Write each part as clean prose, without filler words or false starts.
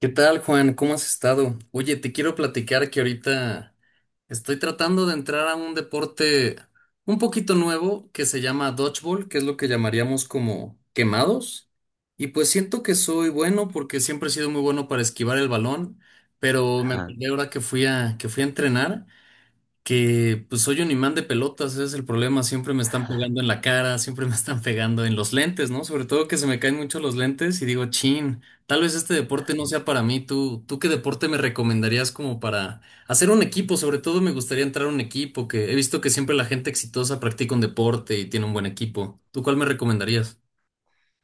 ¿Qué tal, Juan? ¿Cómo has estado? Oye, te quiero platicar que ahorita estoy tratando de entrar a un deporte un poquito nuevo que se llama dodgeball, que es lo que llamaríamos como quemados. Y pues siento que soy bueno porque siempre he sido muy bueno para esquivar el balón, pero me Ajá. acordé ahora que fui a entrenar que pues soy un imán de pelotas, ese es el problema, siempre me están pegando en la cara, siempre me están pegando en los lentes, ¿no? Sobre todo que se me caen mucho los lentes y digo, chin, tal vez este deporte no sea para mí. ¿Tú qué deporte me recomendarías como para hacer un equipo? Sobre todo me gustaría entrar a un equipo, que he visto que siempre la gente exitosa practica un deporte y tiene un buen equipo. ¿Tú cuál me recomendarías?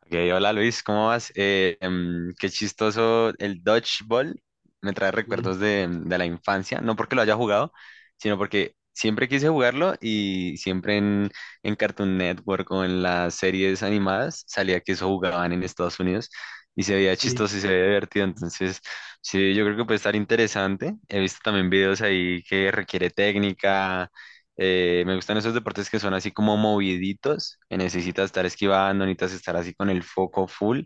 Ok, hola Luis, ¿cómo vas? Qué chistoso el dodgeball. Me trae recuerdos Sí, de la infancia, no porque lo haya jugado, sino porque siempre quise jugarlo y siempre en Cartoon Network o en las series animadas salía que eso jugaban en Estados Unidos y se veía sí. chistoso y se veía divertido. Entonces, sí, yo creo que puede estar interesante. He visto también videos ahí que requiere técnica. Me gustan esos deportes que son así como moviditos, que necesitas estar esquivando, necesitas estar así con el foco full.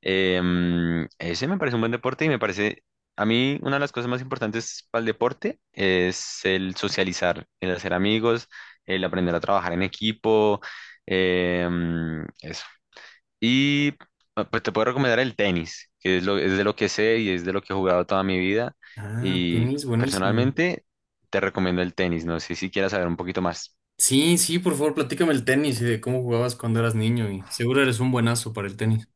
Ese me parece un buen deporte y me parece, a mí una de las cosas más importantes para el deporte es el socializar, el hacer amigos, el aprender a trabajar en equipo, eso. Y pues te puedo recomendar el tenis, que es es de lo que sé y es de lo que he jugado toda mi vida. Ah, Y tenis, buenísimo. personalmente te recomiendo el tenis, no sé si quieras saber un poquito más. Sí, sí, por favor, platícame el tenis y de cómo jugabas cuando eras niño y seguro eres un buenazo para el tenis.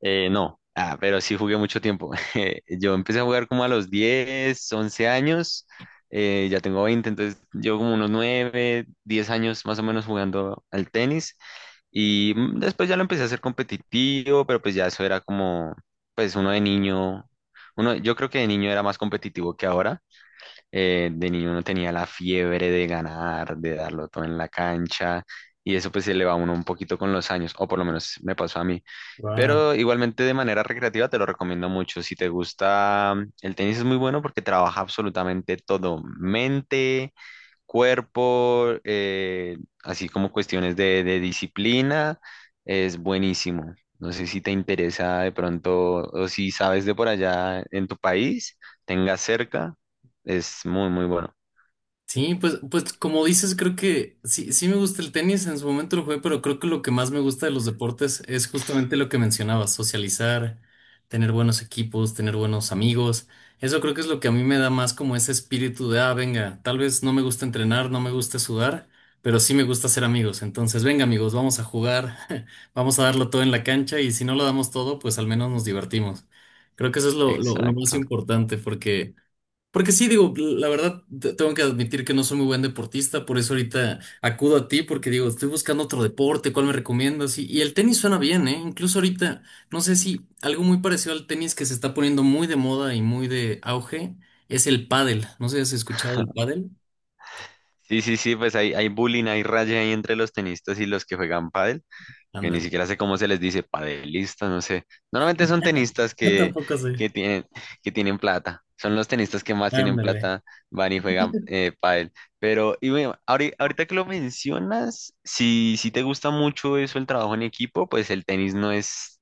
No, pero sí jugué mucho tiempo. Yo empecé a jugar como a los 10, 11 años, ya tengo 20, entonces yo como unos 9, 10 años más o menos jugando al tenis y después ya lo empecé a hacer competitivo, pero pues ya eso era como, pues uno de niño, uno, yo creo que de niño era más competitivo que ahora. De niño uno tenía la fiebre de ganar, de darlo todo en la cancha, y eso pues se le va a uno un poquito con los años, o por lo menos me pasó a mí. Guau. Pero igualmente de manera recreativa te lo recomiendo mucho. Si te gusta, el tenis es muy bueno porque trabaja absolutamente todo, mente, cuerpo, así como cuestiones de disciplina, es buenísimo. No sé si te interesa de pronto o si sabes de por allá en tu país, tengas cerca, es muy, muy bueno. Sí, pues, pues como dices, creo que sí, sí me gusta el tenis, en su momento lo jugué, pero creo que lo que más me gusta de los deportes es justamente lo que mencionabas: socializar, tener buenos equipos, tener buenos amigos. Eso creo que es lo que a mí me da más como ese espíritu de, ah, venga, tal vez no me gusta entrenar, no me gusta sudar, pero sí me gusta ser amigos. Entonces, venga amigos, vamos a jugar, vamos a darlo todo en la cancha y si no lo damos todo, pues al menos nos divertimos. Creo que eso es lo más Exacto. importante porque... Porque sí, digo, la verdad, te- tengo que admitir que no soy muy buen deportista, por eso ahorita acudo a ti, porque digo, estoy buscando otro deporte, ¿cuál me recomiendas? Y el tenis suena bien, ¿eh? Incluso ahorita, no sé, si algo muy parecido al tenis que se está poniendo muy de moda y muy de auge es el pádel. No sé si has escuchado del pádel. Sí, sí, sí, pues hay bullying, hay raya ahí entre los tenistas y los que juegan pádel. Que ni Ándale. siquiera sé cómo se les dice, padelistas, no sé. Normalmente son tenistas Yo que, tampoco sé. que tienen, que tienen plata. Son los tenistas que más tienen Ándale. plata, van y juegan pádel. Pero y bueno, ahorita que lo mencionas, si te gusta mucho eso, el trabajo en equipo, pues el tenis no es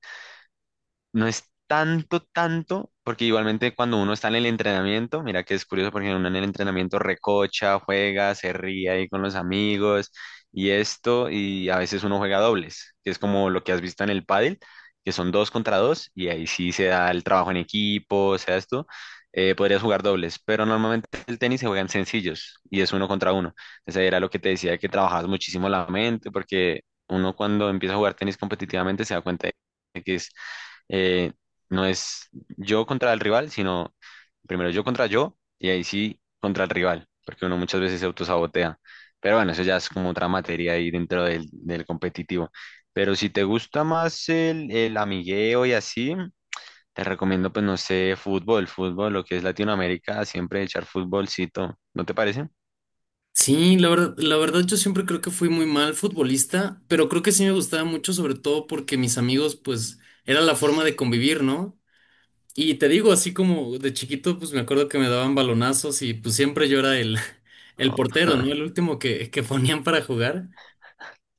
no es tanto, tanto, porque igualmente cuando uno está en el entrenamiento, mira que es curioso porque uno en el entrenamiento recocha, juega, se ríe ahí con los amigos y esto, y a veces uno juega dobles, que es como lo que has visto en el pádel, que son dos contra dos, y ahí sí se da el trabajo en equipo, o sea esto, podrías jugar dobles, pero normalmente el tenis se juegan sencillos y es uno contra uno. Ese era lo que te decía, que trabajas muchísimo la mente, porque uno cuando empieza a jugar tenis competitivamente se da cuenta de que es eh, no es yo contra el rival, sino primero yo contra yo y ahí sí contra el rival, porque uno muchas veces se autosabotea. Pero bueno, eso ya es como otra materia ahí dentro del competitivo. Pero si te gusta más el amigueo y así, te recomiendo, pues no sé, fútbol, fútbol, lo que es Latinoamérica, siempre echar futbolcito, ¿no te parece? Sí, la verdad yo siempre creo que fui muy mal futbolista, pero creo que sí me gustaba mucho, sobre todo porque mis amigos, pues, era la forma de convivir, ¿no? Y te digo, así como de chiquito, pues me acuerdo que me daban balonazos y pues siempre yo era el, el No. portero, ¿no? El último que ponían para jugar.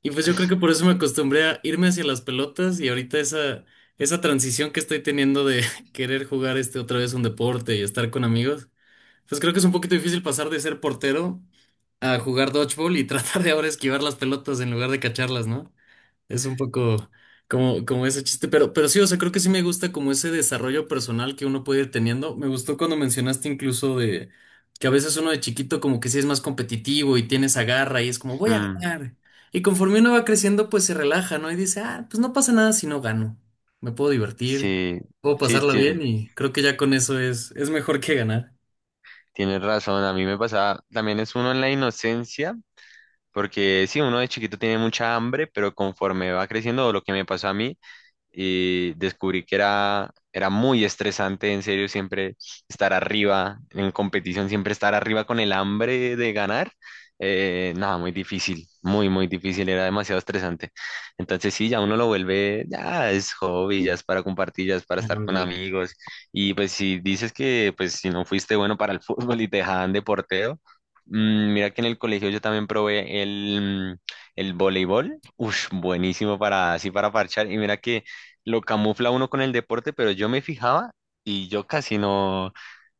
Y pues yo creo que por eso me acostumbré a irme hacia las pelotas y ahorita esa transición que estoy teniendo de querer jugar este otra vez un deporte y estar con amigos, pues creo que es un poquito difícil pasar de ser portero a jugar dodgeball y tratar de ahora esquivar las pelotas en lugar de cacharlas, ¿no? Es un poco como ese chiste, pero sí, o sea, creo que sí me gusta como ese desarrollo personal que uno puede ir teniendo. Me gustó cuando mencionaste incluso de que a veces uno de chiquito como que sí es más competitivo y tiene esa garra y es como voy a Mm, ganar. Y conforme uno va creciendo, pues se relaja, ¿no? Y dice, ah, pues no pasa nada si no gano. Me puedo divertir, Sí, puedo sí, pasarla bien sí, y creo que ya con eso es mejor que ganar. tienes razón. A mí me pasaba, también es uno en la inocencia. Porque sí, uno de chiquito tiene mucha hambre, pero conforme va creciendo, o lo que me pasó a mí, y descubrí que era, era muy estresante, en serio, siempre estar arriba en competición, siempre estar arriba con el hambre de ganar. Nada, Muy difícil, muy, muy difícil, era demasiado estresante. Entonces sí, ya uno lo vuelve, ya es hobby, ya es para compartir, ya es para estar con Ándale. amigos. Y pues si dices que pues si no fuiste bueno para el fútbol y te dejaban de portero, mira que en el colegio yo también probé el voleibol. Ush, buenísimo para así para parchar. Y mira que lo camufla uno con el deporte, pero yo me fijaba y yo casi no,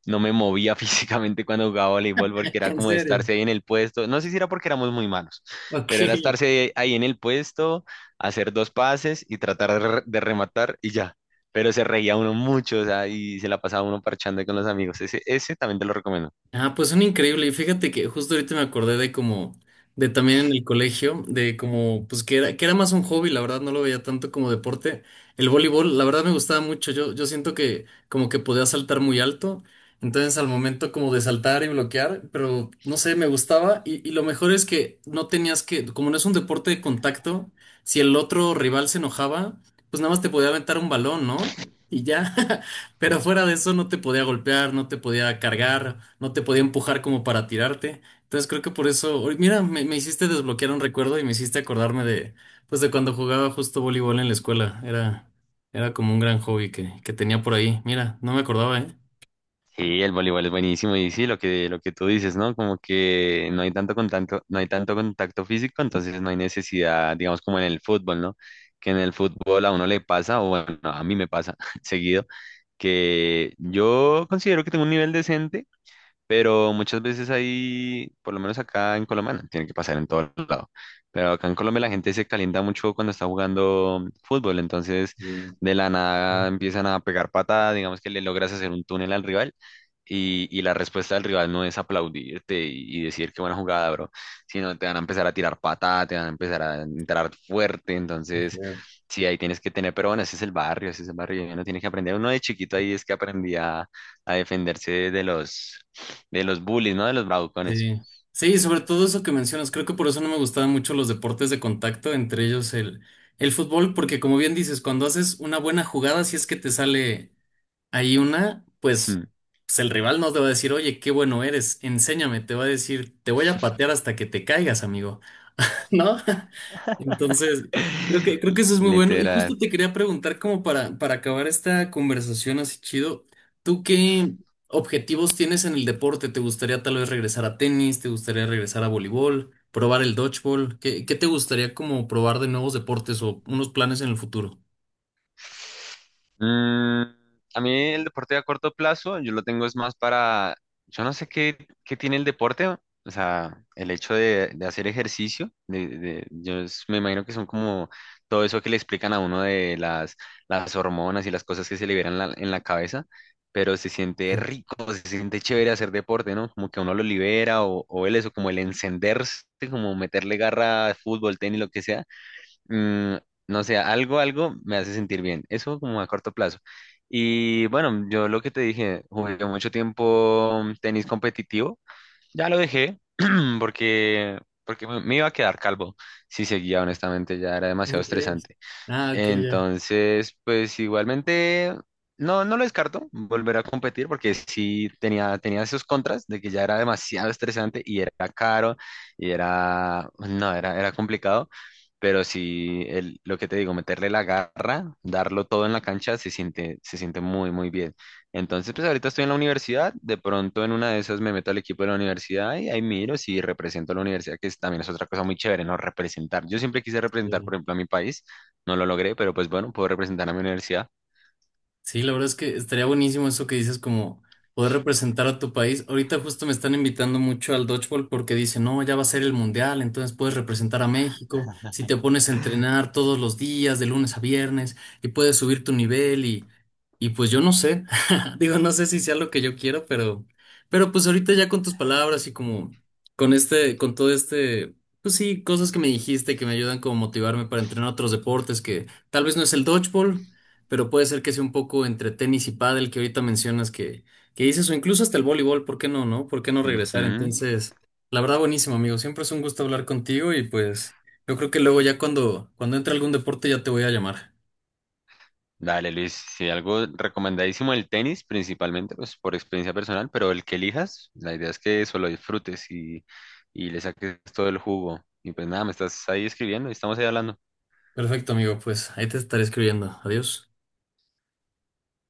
no me movía físicamente cuando jugaba voleibol porque era En como serio. estarse ahí en el puesto. No sé si era porque éramos muy malos, Ok. pero era estarse ahí en el puesto, hacer dos pases y tratar de rematar y ya. Pero se reía uno mucho, o sea, y se la pasaba uno parchando ahí con los amigos. Ese también te lo recomiendo. Ah, pues son increíble. Y fíjate que justo ahorita me acordé de como, de también en el colegio, de como, pues que era más un hobby, la verdad, no lo veía tanto como deporte. El voleibol, la verdad me gustaba mucho. Yo siento que como que podía saltar muy alto. Entonces al momento como de saltar y bloquear, pero no sé, me gustaba. Y lo mejor es que no tenías que, como no es un deporte de contacto, si el otro rival se enojaba, pues nada más te podía aventar un balón, ¿no? Y ya. Pero fuera de eso no te podía golpear, no te podía cargar, no te podía empujar como para tirarte. Entonces creo que por eso, oy, mira, me hiciste desbloquear un recuerdo y me hiciste acordarme de, pues de cuando jugaba justo voleibol en la escuela. Era, era como un gran hobby que tenía por ahí. Mira, no me acordaba, ¿eh? Sí, el voleibol es buenísimo y sí, lo que tú dices, ¿no? Como que no hay tanto contacto, no hay tanto contacto físico, entonces no hay necesidad, digamos, como en el fútbol, ¿no? Que en el fútbol a uno le pasa, o bueno, a mí me pasa seguido, que yo considero que tengo un nivel decente, pero muchas veces ahí, por lo menos acá en Colombia, no, tiene que pasar en todo lado. Pero acá en Colombia la gente se calienta mucho cuando está jugando fútbol, entonces Sí, de la nada sí, empiezan a pegar patada, digamos que le logras hacer un túnel al rival y la respuesta del rival no es aplaudirte y decir qué buena jugada, bro, sino te van a empezar a tirar patada, te van a empezar a entrar fuerte, qué entonces... feo. Sí, ahí tienes que tener, pero bueno, ese es el barrio, ese es el barrio, y uno tiene que aprender. Uno de chiquito ahí es que aprendía a defenderse de los bullies, ¿no? De los bravucones. Sí. Sí, sobre todo eso que mencionas, creo que por eso no me gustaban mucho los deportes de contacto, entre ellos el fútbol, porque como bien dices, cuando haces una buena jugada, si es que te sale. Hay una, pues, pues el rival no te va a decir, oye, qué bueno eres, enséñame, te va a decir, te voy a patear hasta que te caigas, amigo, ¿no? Entonces, creo que eso es muy bueno. Y Literal. justo te quería preguntar, como para acabar esta conversación así chido, ¿tú qué objetivos tienes en el deporte? ¿Te gustaría tal vez regresar a tenis? ¿Te gustaría regresar a voleibol? ¿Probar el dodgeball? ¿Qué te gustaría como probar de nuevos deportes o unos planes en el futuro? Mm, a mí el deporte a corto plazo, yo lo tengo es más para, yo no sé qué, qué tiene el deporte, o sea, el hecho de hacer ejercicio, me imagino que son como todo eso que le explican a uno de las hormonas y las cosas que se liberan en en la cabeza, pero se siente Sí. rico, se siente chévere hacer deporte, ¿no? Como que uno lo libera o el eso, como el encenderse, como meterle garra a fútbol, tenis, lo que sea. mm, no sé, algo, algo me hace sentir bien. Eso como a corto plazo. Y bueno, yo lo que te dije, jugué mucho tiempo tenis competitivo. Ya lo dejé porque, porque me iba a quedar calvo si seguía, honestamente, ya era demasiado ¿Cómo crees? estresante. Ah, ok, Entonces, pues igualmente, no lo descarto volver a competir porque sí tenía esos contras de que ya era demasiado estresante y era caro y era, no, era, era complicado, pero sí, lo que te digo, meterle la garra, darlo todo en la cancha, se siente muy, muy bien. Entonces, pues ahorita estoy en la universidad, de pronto en una de esas me meto al equipo de la universidad y ahí miro si represento a la universidad, que también es otra cosa muy chévere, ¿no? Representar. Yo siempre quise representar, ya. por ejemplo, a mi país. No lo logré, pero pues bueno, puedo representar a mi universidad. Sí, la verdad es que estaría buenísimo eso que dices, como poder representar a tu país. Ahorita justo me están invitando mucho al dodgeball porque dicen, no, ya va a ser el mundial, entonces puedes representar a México si te pones a entrenar todos los días, de lunes a viernes, y puedes subir tu nivel y pues yo no sé, digo, no sé si sea lo que yo quiero, pero pues ahorita ya con tus palabras y como con este, con todo este, pues sí, cosas que me dijiste que me ayudan como motivarme para entrenar otros deportes que tal vez no es el dodgeball pero puede ser que sea un poco entre tenis y pádel que ahorita mencionas que dices, o incluso hasta el voleibol, ¿por qué no, no? ¿Por qué no regresar? Ujú. Entonces, la verdad, buenísimo, amigo. Siempre es un gusto hablar contigo y pues yo creo que luego ya cuando entre algún deporte ya te voy a llamar. Dale, Luis, si algo recomendadísimo el tenis, principalmente pues por experiencia personal, pero el que elijas, la idea es que eso lo disfrutes y le saques todo el jugo. Y pues nada, me estás ahí escribiendo y estamos ahí hablando. Perfecto, amigo, pues ahí te estaré escribiendo. Adiós.